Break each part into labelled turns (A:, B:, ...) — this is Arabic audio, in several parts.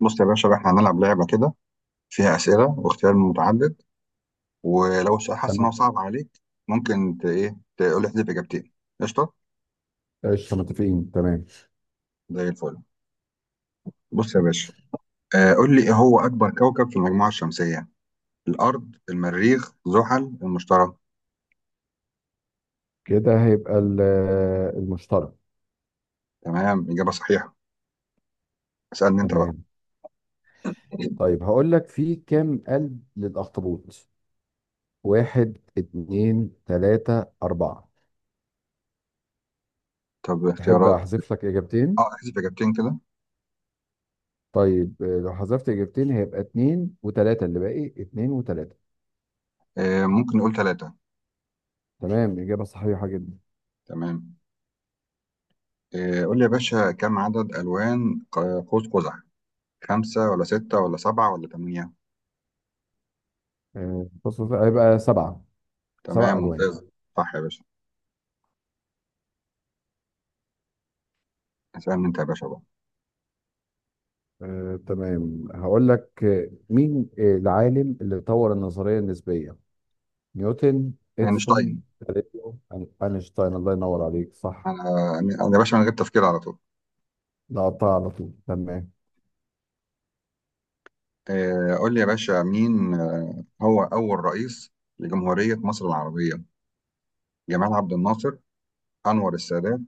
A: بص يا باشا بقى احنا هنلعب لعبة كده فيها أسئلة واختيار متعدد. ولو السؤال حاسس إن هو
B: تمام
A: صعب عليك ممكن ت... إيه تقول لي احذف إجابتين. قشطة،
B: قشطة متفقين تمام.
A: زي الفل. بص يا باشا، قول لي إيه هو أكبر كوكب في المجموعة الشمسية؟ الأرض، المريخ، زحل، المشتري؟
B: كده هيبقى المشترك.
A: تمام، إجابة صحيحة. اسألني أنت بقى.
B: تمام. طيب هقول لك في كام قلب للأخطبوط؟ واحد، اتنين، تلاتة، أربعة.
A: طب
B: تحب
A: اختيارات.
B: أحذف لك إجابتين؟
A: احذف إجابتين كده.
B: طيب لو حذفت إجابتين هيبقى اتنين وتلاتة، اللي باقي اتنين وتلاتة.
A: ممكن نقول ثلاثة.
B: تمام، إجابة صحيحة جدا.
A: تمام. قول لي يا باشا، كم عدد ألوان قوس قزح؟ خمسة ولا ستة ولا سبعة ولا ثمانية؟
B: بص بص، هيبقى سبعة. سبع
A: تمام،
B: ألوان.
A: ممتاز. صح يا باشا. اسألني انت يا باشا بقى.
B: تمام، هقول لك مين العالم اللي طور النظرية النسبية؟ نيوتن،
A: اينشتاين.
B: اديسون، galileo، اينشتاين. الله ينور عليك. صح.
A: انا، يعني انا يا باشا من غير تفكير على طول.
B: لا، قطع على طول، تمام.
A: قول لي يا باشا، مين هو اول رئيس لجمهورية مصر العربية؟ جمال عبد الناصر، انور السادات،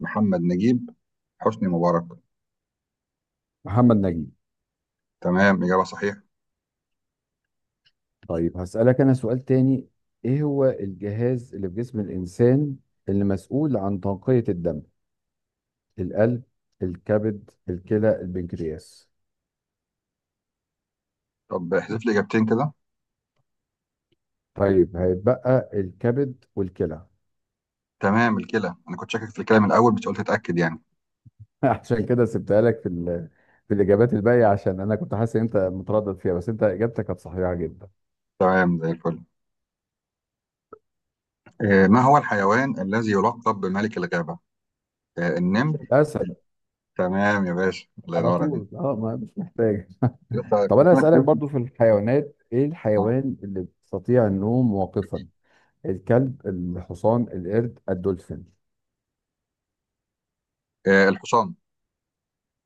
A: محمد نجيب، حسني مبارك؟
B: محمد نجيب.
A: تمام، إجابة صحيحة.
B: طيب هسألك انا سؤال تاني. ايه هو الجهاز اللي في جسم الانسان اللي مسؤول عن تنقية الدم؟ القلب، الكبد، الكلى، البنكرياس.
A: طب احذف لي إجابتين كده.
B: طيب هيتبقى الكبد والكلى.
A: تمام، الكلى. أنا كنت شاكك في الكلى من الأول بس قلت أتأكد يعني.
B: عشان كده سبتها لك في في الاجابات الباقيه، عشان انا كنت حاسس ان انت متردد فيها، بس انت اجابتك كانت صحيحه جدا.
A: تمام، زي الفل. ما هو الحيوان الذي يلقب بملك الغابة؟ النمر.
B: الاسد.
A: تمام يا باشا، الله
B: على
A: ينور عليك.
B: طول، ما مش محتاج.
A: لسه
B: طب
A: كنت
B: انا
A: سامعك
B: اسالك برضو في الحيوانات، ايه الحيوان اللي بيستطيع النوم واقفا؟ الكلب، الحصان، القرد، الدولفين.
A: الحصان.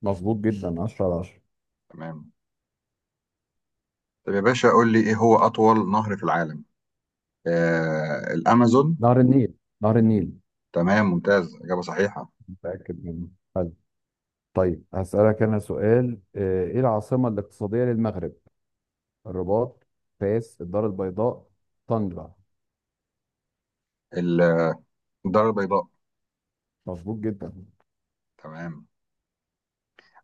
B: مظبوط جدا، 10 على 10.
A: تمام. طب يا باشا، قول لي ايه هو اطول نهر في العالم؟ الامازون.
B: نهر النيل. نهر النيل،
A: تمام ممتاز، اجابه صحيحه.
B: متاكد منه. حلو. طيب هسالك انا سؤال. ايه العاصمه الاقتصاديه للمغرب؟ الرباط، فاس، الدار البيضاء، طنجة.
A: ال- الدار البيضاء.
B: مظبوط جدا.
A: تمام.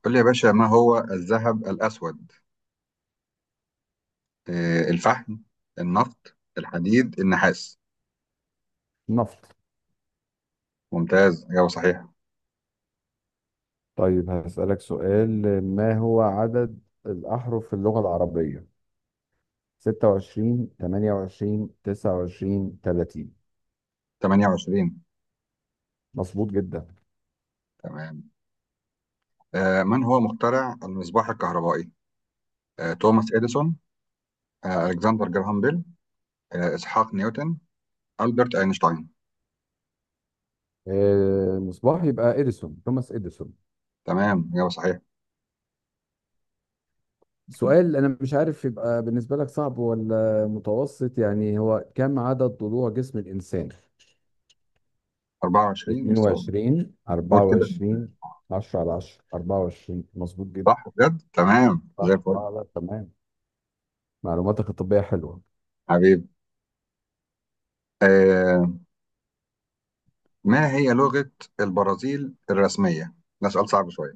A: قول لي يا باشا، ما هو الذهب الاسود؟ الفحم، النفط، الحديد، النحاس؟
B: نفط.
A: ممتاز، اجابه صحيحه.
B: طيب هسالك سؤال. ما هو عدد الاحرف في اللغه العربيه؟ ستة وعشرين، تمانية وعشرين، تسعة وعشرين، تلاتين.
A: 28.
B: مظبوط جدا.
A: تمام. من هو مخترع المصباح الكهربائي؟ توماس اديسون، الكسندر جراهام بيل، اسحاق نيوتن، البرت اينشتاين؟
B: مصباح يبقى توماس إديسون.
A: تمام، اجابه صحيحه.
B: سؤال أنا مش عارف يبقى بالنسبة لك صعب ولا متوسط، يعني هو كم عدد ضلوع جسم الإنسان؟
A: 24 بس.
B: 22،
A: قول كده.
B: 24. 10 على 10، 24، مظبوط جدا.
A: صح بجد، تمام زي
B: صح،
A: الفل.
B: لا تمام. معلوماتك الطبية حلوة.
A: حبيب. آه ما هي لغة البرازيل الرسمية؟ ده سؤال صعب شوية.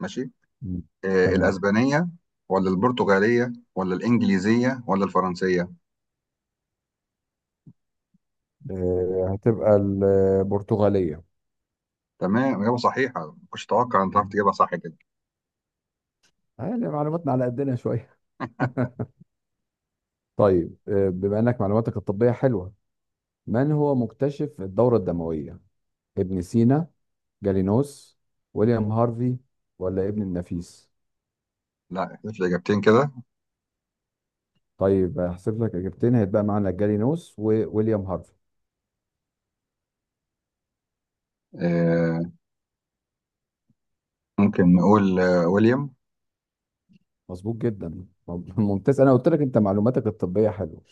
A: ماشي.
B: مم. تمام.
A: الأسبانية، ولا البرتغالية، ولا الإنجليزية، ولا الفرنسية؟
B: هتبقى البرتغالية.
A: تمام، إجابة صحيحة. ما كنتش أتوقع أن تعرف
B: مم.
A: تجيبها صح كده.
B: يعني معلوماتنا على قدنا شوية. طيب بما انك معلوماتك الطبية حلوة، من هو مكتشف الدورة الدموية؟ ابن سينا، جالينوس، ويليام هارفي، ولا ابن النفيس.
A: لا، احذف لي إجابتين كده.
B: طيب هحسب لك اجابتين، هيتبقى معانا جالينوس وويليام هارفي.
A: آه ممكن نقول ويليام.
B: مظبوط جدا، ممتاز، انا قلت لك انت معلوماتك الطبية حلوة.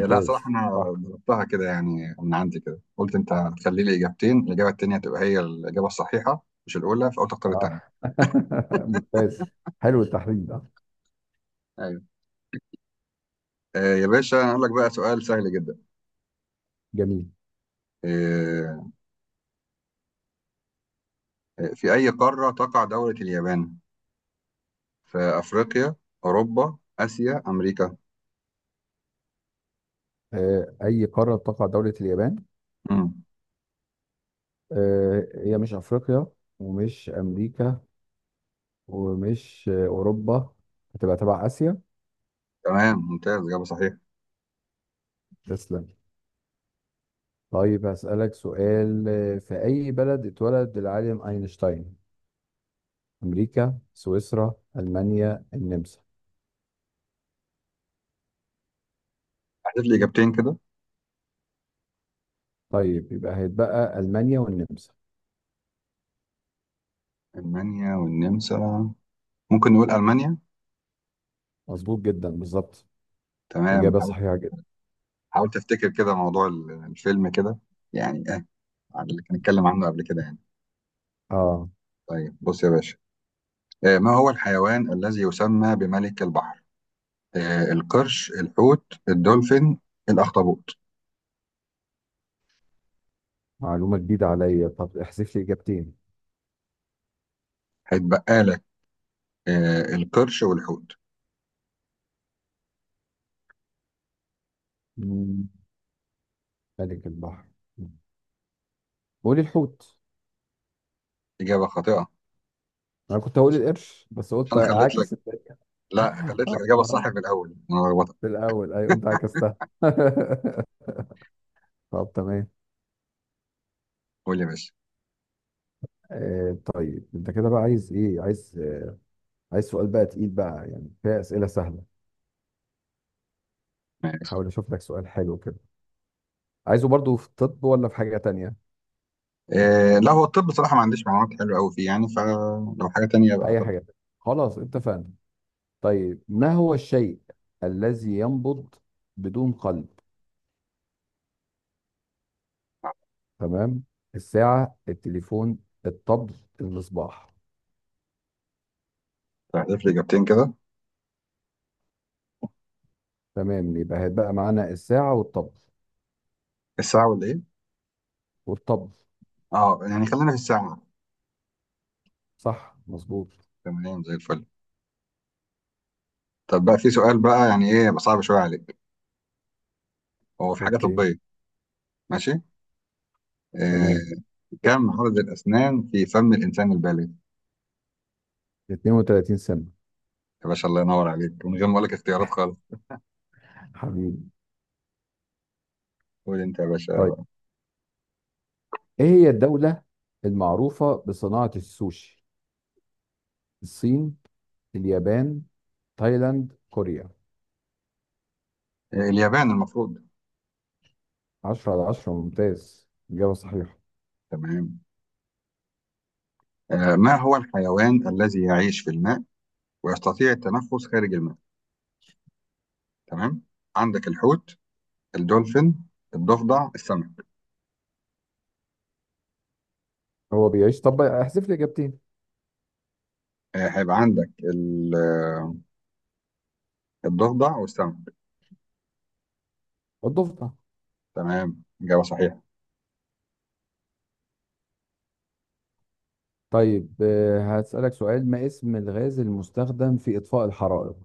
A: لا، صراحة أنا
B: صح.
A: ضربتها كده يعني من عندي كده، قلت أنت هتخلي لي إجابتين، الإجابة التانية تبقى هي الإجابة الصحيحة مش الأولى، فأو تختار
B: اه
A: التانية.
B: ممتاز. حلو التحليل ده.
A: أيوه. يا باشا، أنا هقول لك بقى سؤال سهل جدا.
B: جميل.
A: آه في أي قارة تقع دولة اليابان؟ في أفريقيا، أوروبا، آسيا، أمريكا.
B: اي قارة تقع دولة اليابان؟
A: مم.
B: هي مش افريقيا، ومش امريكا، ومش أوروبا. هتبقى تبع آسيا.
A: تمام، ممتاز، إجابة صحيحة.
B: تسلم. طيب هسألك سؤال. في أي بلد اتولد العالم أينشتاين؟ أمريكا، سويسرا، ألمانيا، النمسا.
A: هحذف لي إجابتين كده.
B: طيب يبقى هيتبقى ألمانيا والنمسا.
A: ألمانيا والنمسا. ممكن نقول ألمانيا.
B: مظبوط جدا، بالظبط.
A: تمام،
B: إجابة
A: حاول.
B: صحيحة جدا.
A: حاول تفتكر كده موضوع الفيلم كده، يعني إيه، على اللي كنا نتكلم عنه قبل كده يعني.
B: آه،
A: طيب، بص يا باشا. ما هو الحيوان الذي يسمى بملك البحر؟ القرش، الحوت، الدولفين، الأخطبوط؟
B: معلومة جديدة عليا، طب احذف لي إجابتين.
A: هيتبقى لك القرش والحوت.
B: مم، ملك البحر. قولي الحوت.
A: إجابة خاطئة.
B: أنا كنت هقول القرش، بس قلت
A: أنا خليت لك،
B: أعاكس
A: لا خليت لك
B: آه،
A: الاجابه الصح
B: آه،
A: في الاول، انا غلطت.
B: في الأول، أيوه، أنت عكستها. طب تمام.
A: قول يا باشا.
B: آه، طيب انت كده بقى عايز ايه، عايز سؤال بقى تقيل بقى، يعني فيها اسئله سهله.
A: ماشي.
B: حاول اشوف لك سؤال حلو كده. عايزه برضو في الطب ولا في حاجه تانية؟
A: إيه، لا هو الطب بصراحه ما عنديش معلومات حلوه قوي فيه يعني، فلو حاجه تانية بقى.
B: اي حاجه تانية. خلاص، اتفقنا. طيب ما هو الشيء الذي ينبض بدون قلب؟ تمام. الساعه، التليفون، الطبل، الصباح.
A: تحذف لي اجابتين كده.
B: تمام، يبقى هيبقى معانا الساعه والطبل.
A: الساعه ولا ايه؟
B: والطبل.
A: اه يعني خلينا في الساعه.
B: صح، مظبوط.
A: تمام، زي الفل. طب بقى في سؤال بقى يعني ايه يبقى صعب شويه عليك، هو في حاجه
B: اوكي.
A: طبيه؟ ماشي.
B: تمام.
A: إيه. كم عدد الاسنان في فم الانسان البالغ؟
B: 32 سنه.
A: يا باشا الله ينور عليك، من غير ما اقول لك اختيارات خالص.
B: حبيبي.
A: قول انت يا باشا
B: طيب
A: بقى.
B: ايه هي الدولة المعروفة بصناعة السوشي؟ الصين، اليابان، تايلاند، كوريا.
A: إيه، اليابان المفروض.
B: 10 على 10، ممتاز. إجابة صحيحة.
A: تمام. ما هو الحيوان الذي يعيش في الماء ويستطيع التنفس خارج الماء؟ تمام. عندك الحوت، الدولفين، الضفدع، السمك.
B: هو بيعيش، طب احذف لي إجابتين.
A: هيبقى عندك الضفدع والسمك.
B: الضفدع.
A: تمام، إجابة صحيحة.
B: طيب هسألك سؤال. ما اسم الغاز المستخدم في إطفاء الحرائق؟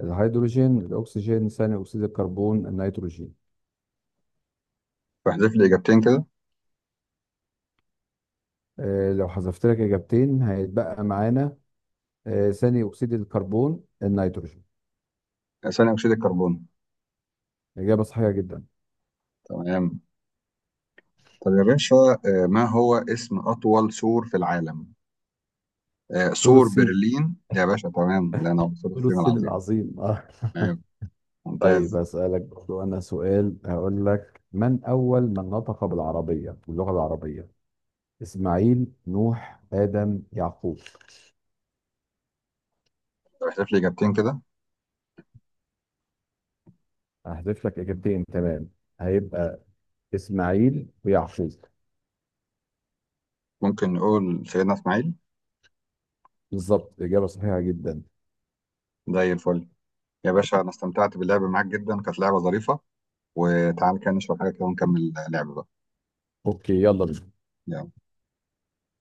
B: الهيدروجين، الأكسجين، ثاني أكسيد الكربون، النيتروجين.
A: فاحذف لي إجابتين كده.
B: لو حذفت لك إجابتين هيتبقى معانا ثاني أكسيد الكربون، النيتروجين.
A: ثاني أكسيد الكربون.
B: إجابة صحيحة جدا.
A: تمام. طب يا باشا، ما هو اسم أطول سور في العالم؟
B: سور
A: سور
B: الصين
A: برلين يا باشا. تمام، لأن هو سور
B: سور
A: الصين
B: الصين
A: العظيم.
B: العظيم.
A: تمام،
B: طيب
A: ممتاز.
B: أسألك برضو أنا سؤال. هقول لك من أول من نطق باللغة العربية؟ إسماعيل، نوح، آدم، يعقوب.
A: طب احذف لي إجابتين كده.
B: هحذف لك إجابتين. تمام هيبقى إسماعيل ويعقوب.
A: ممكن نقول سيدنا إسماعيل.
B: بالظبط، إجابة صحيحة جدا.
A: زي الفل. يا باشا، أنا استمتعت باللعب معاك جدا، كانت لعبة ظريفة. وتعال كده نشرب حاجة كده ونكمل لعب بقى.
B: أوكي، يلا بينا.
A: يلا.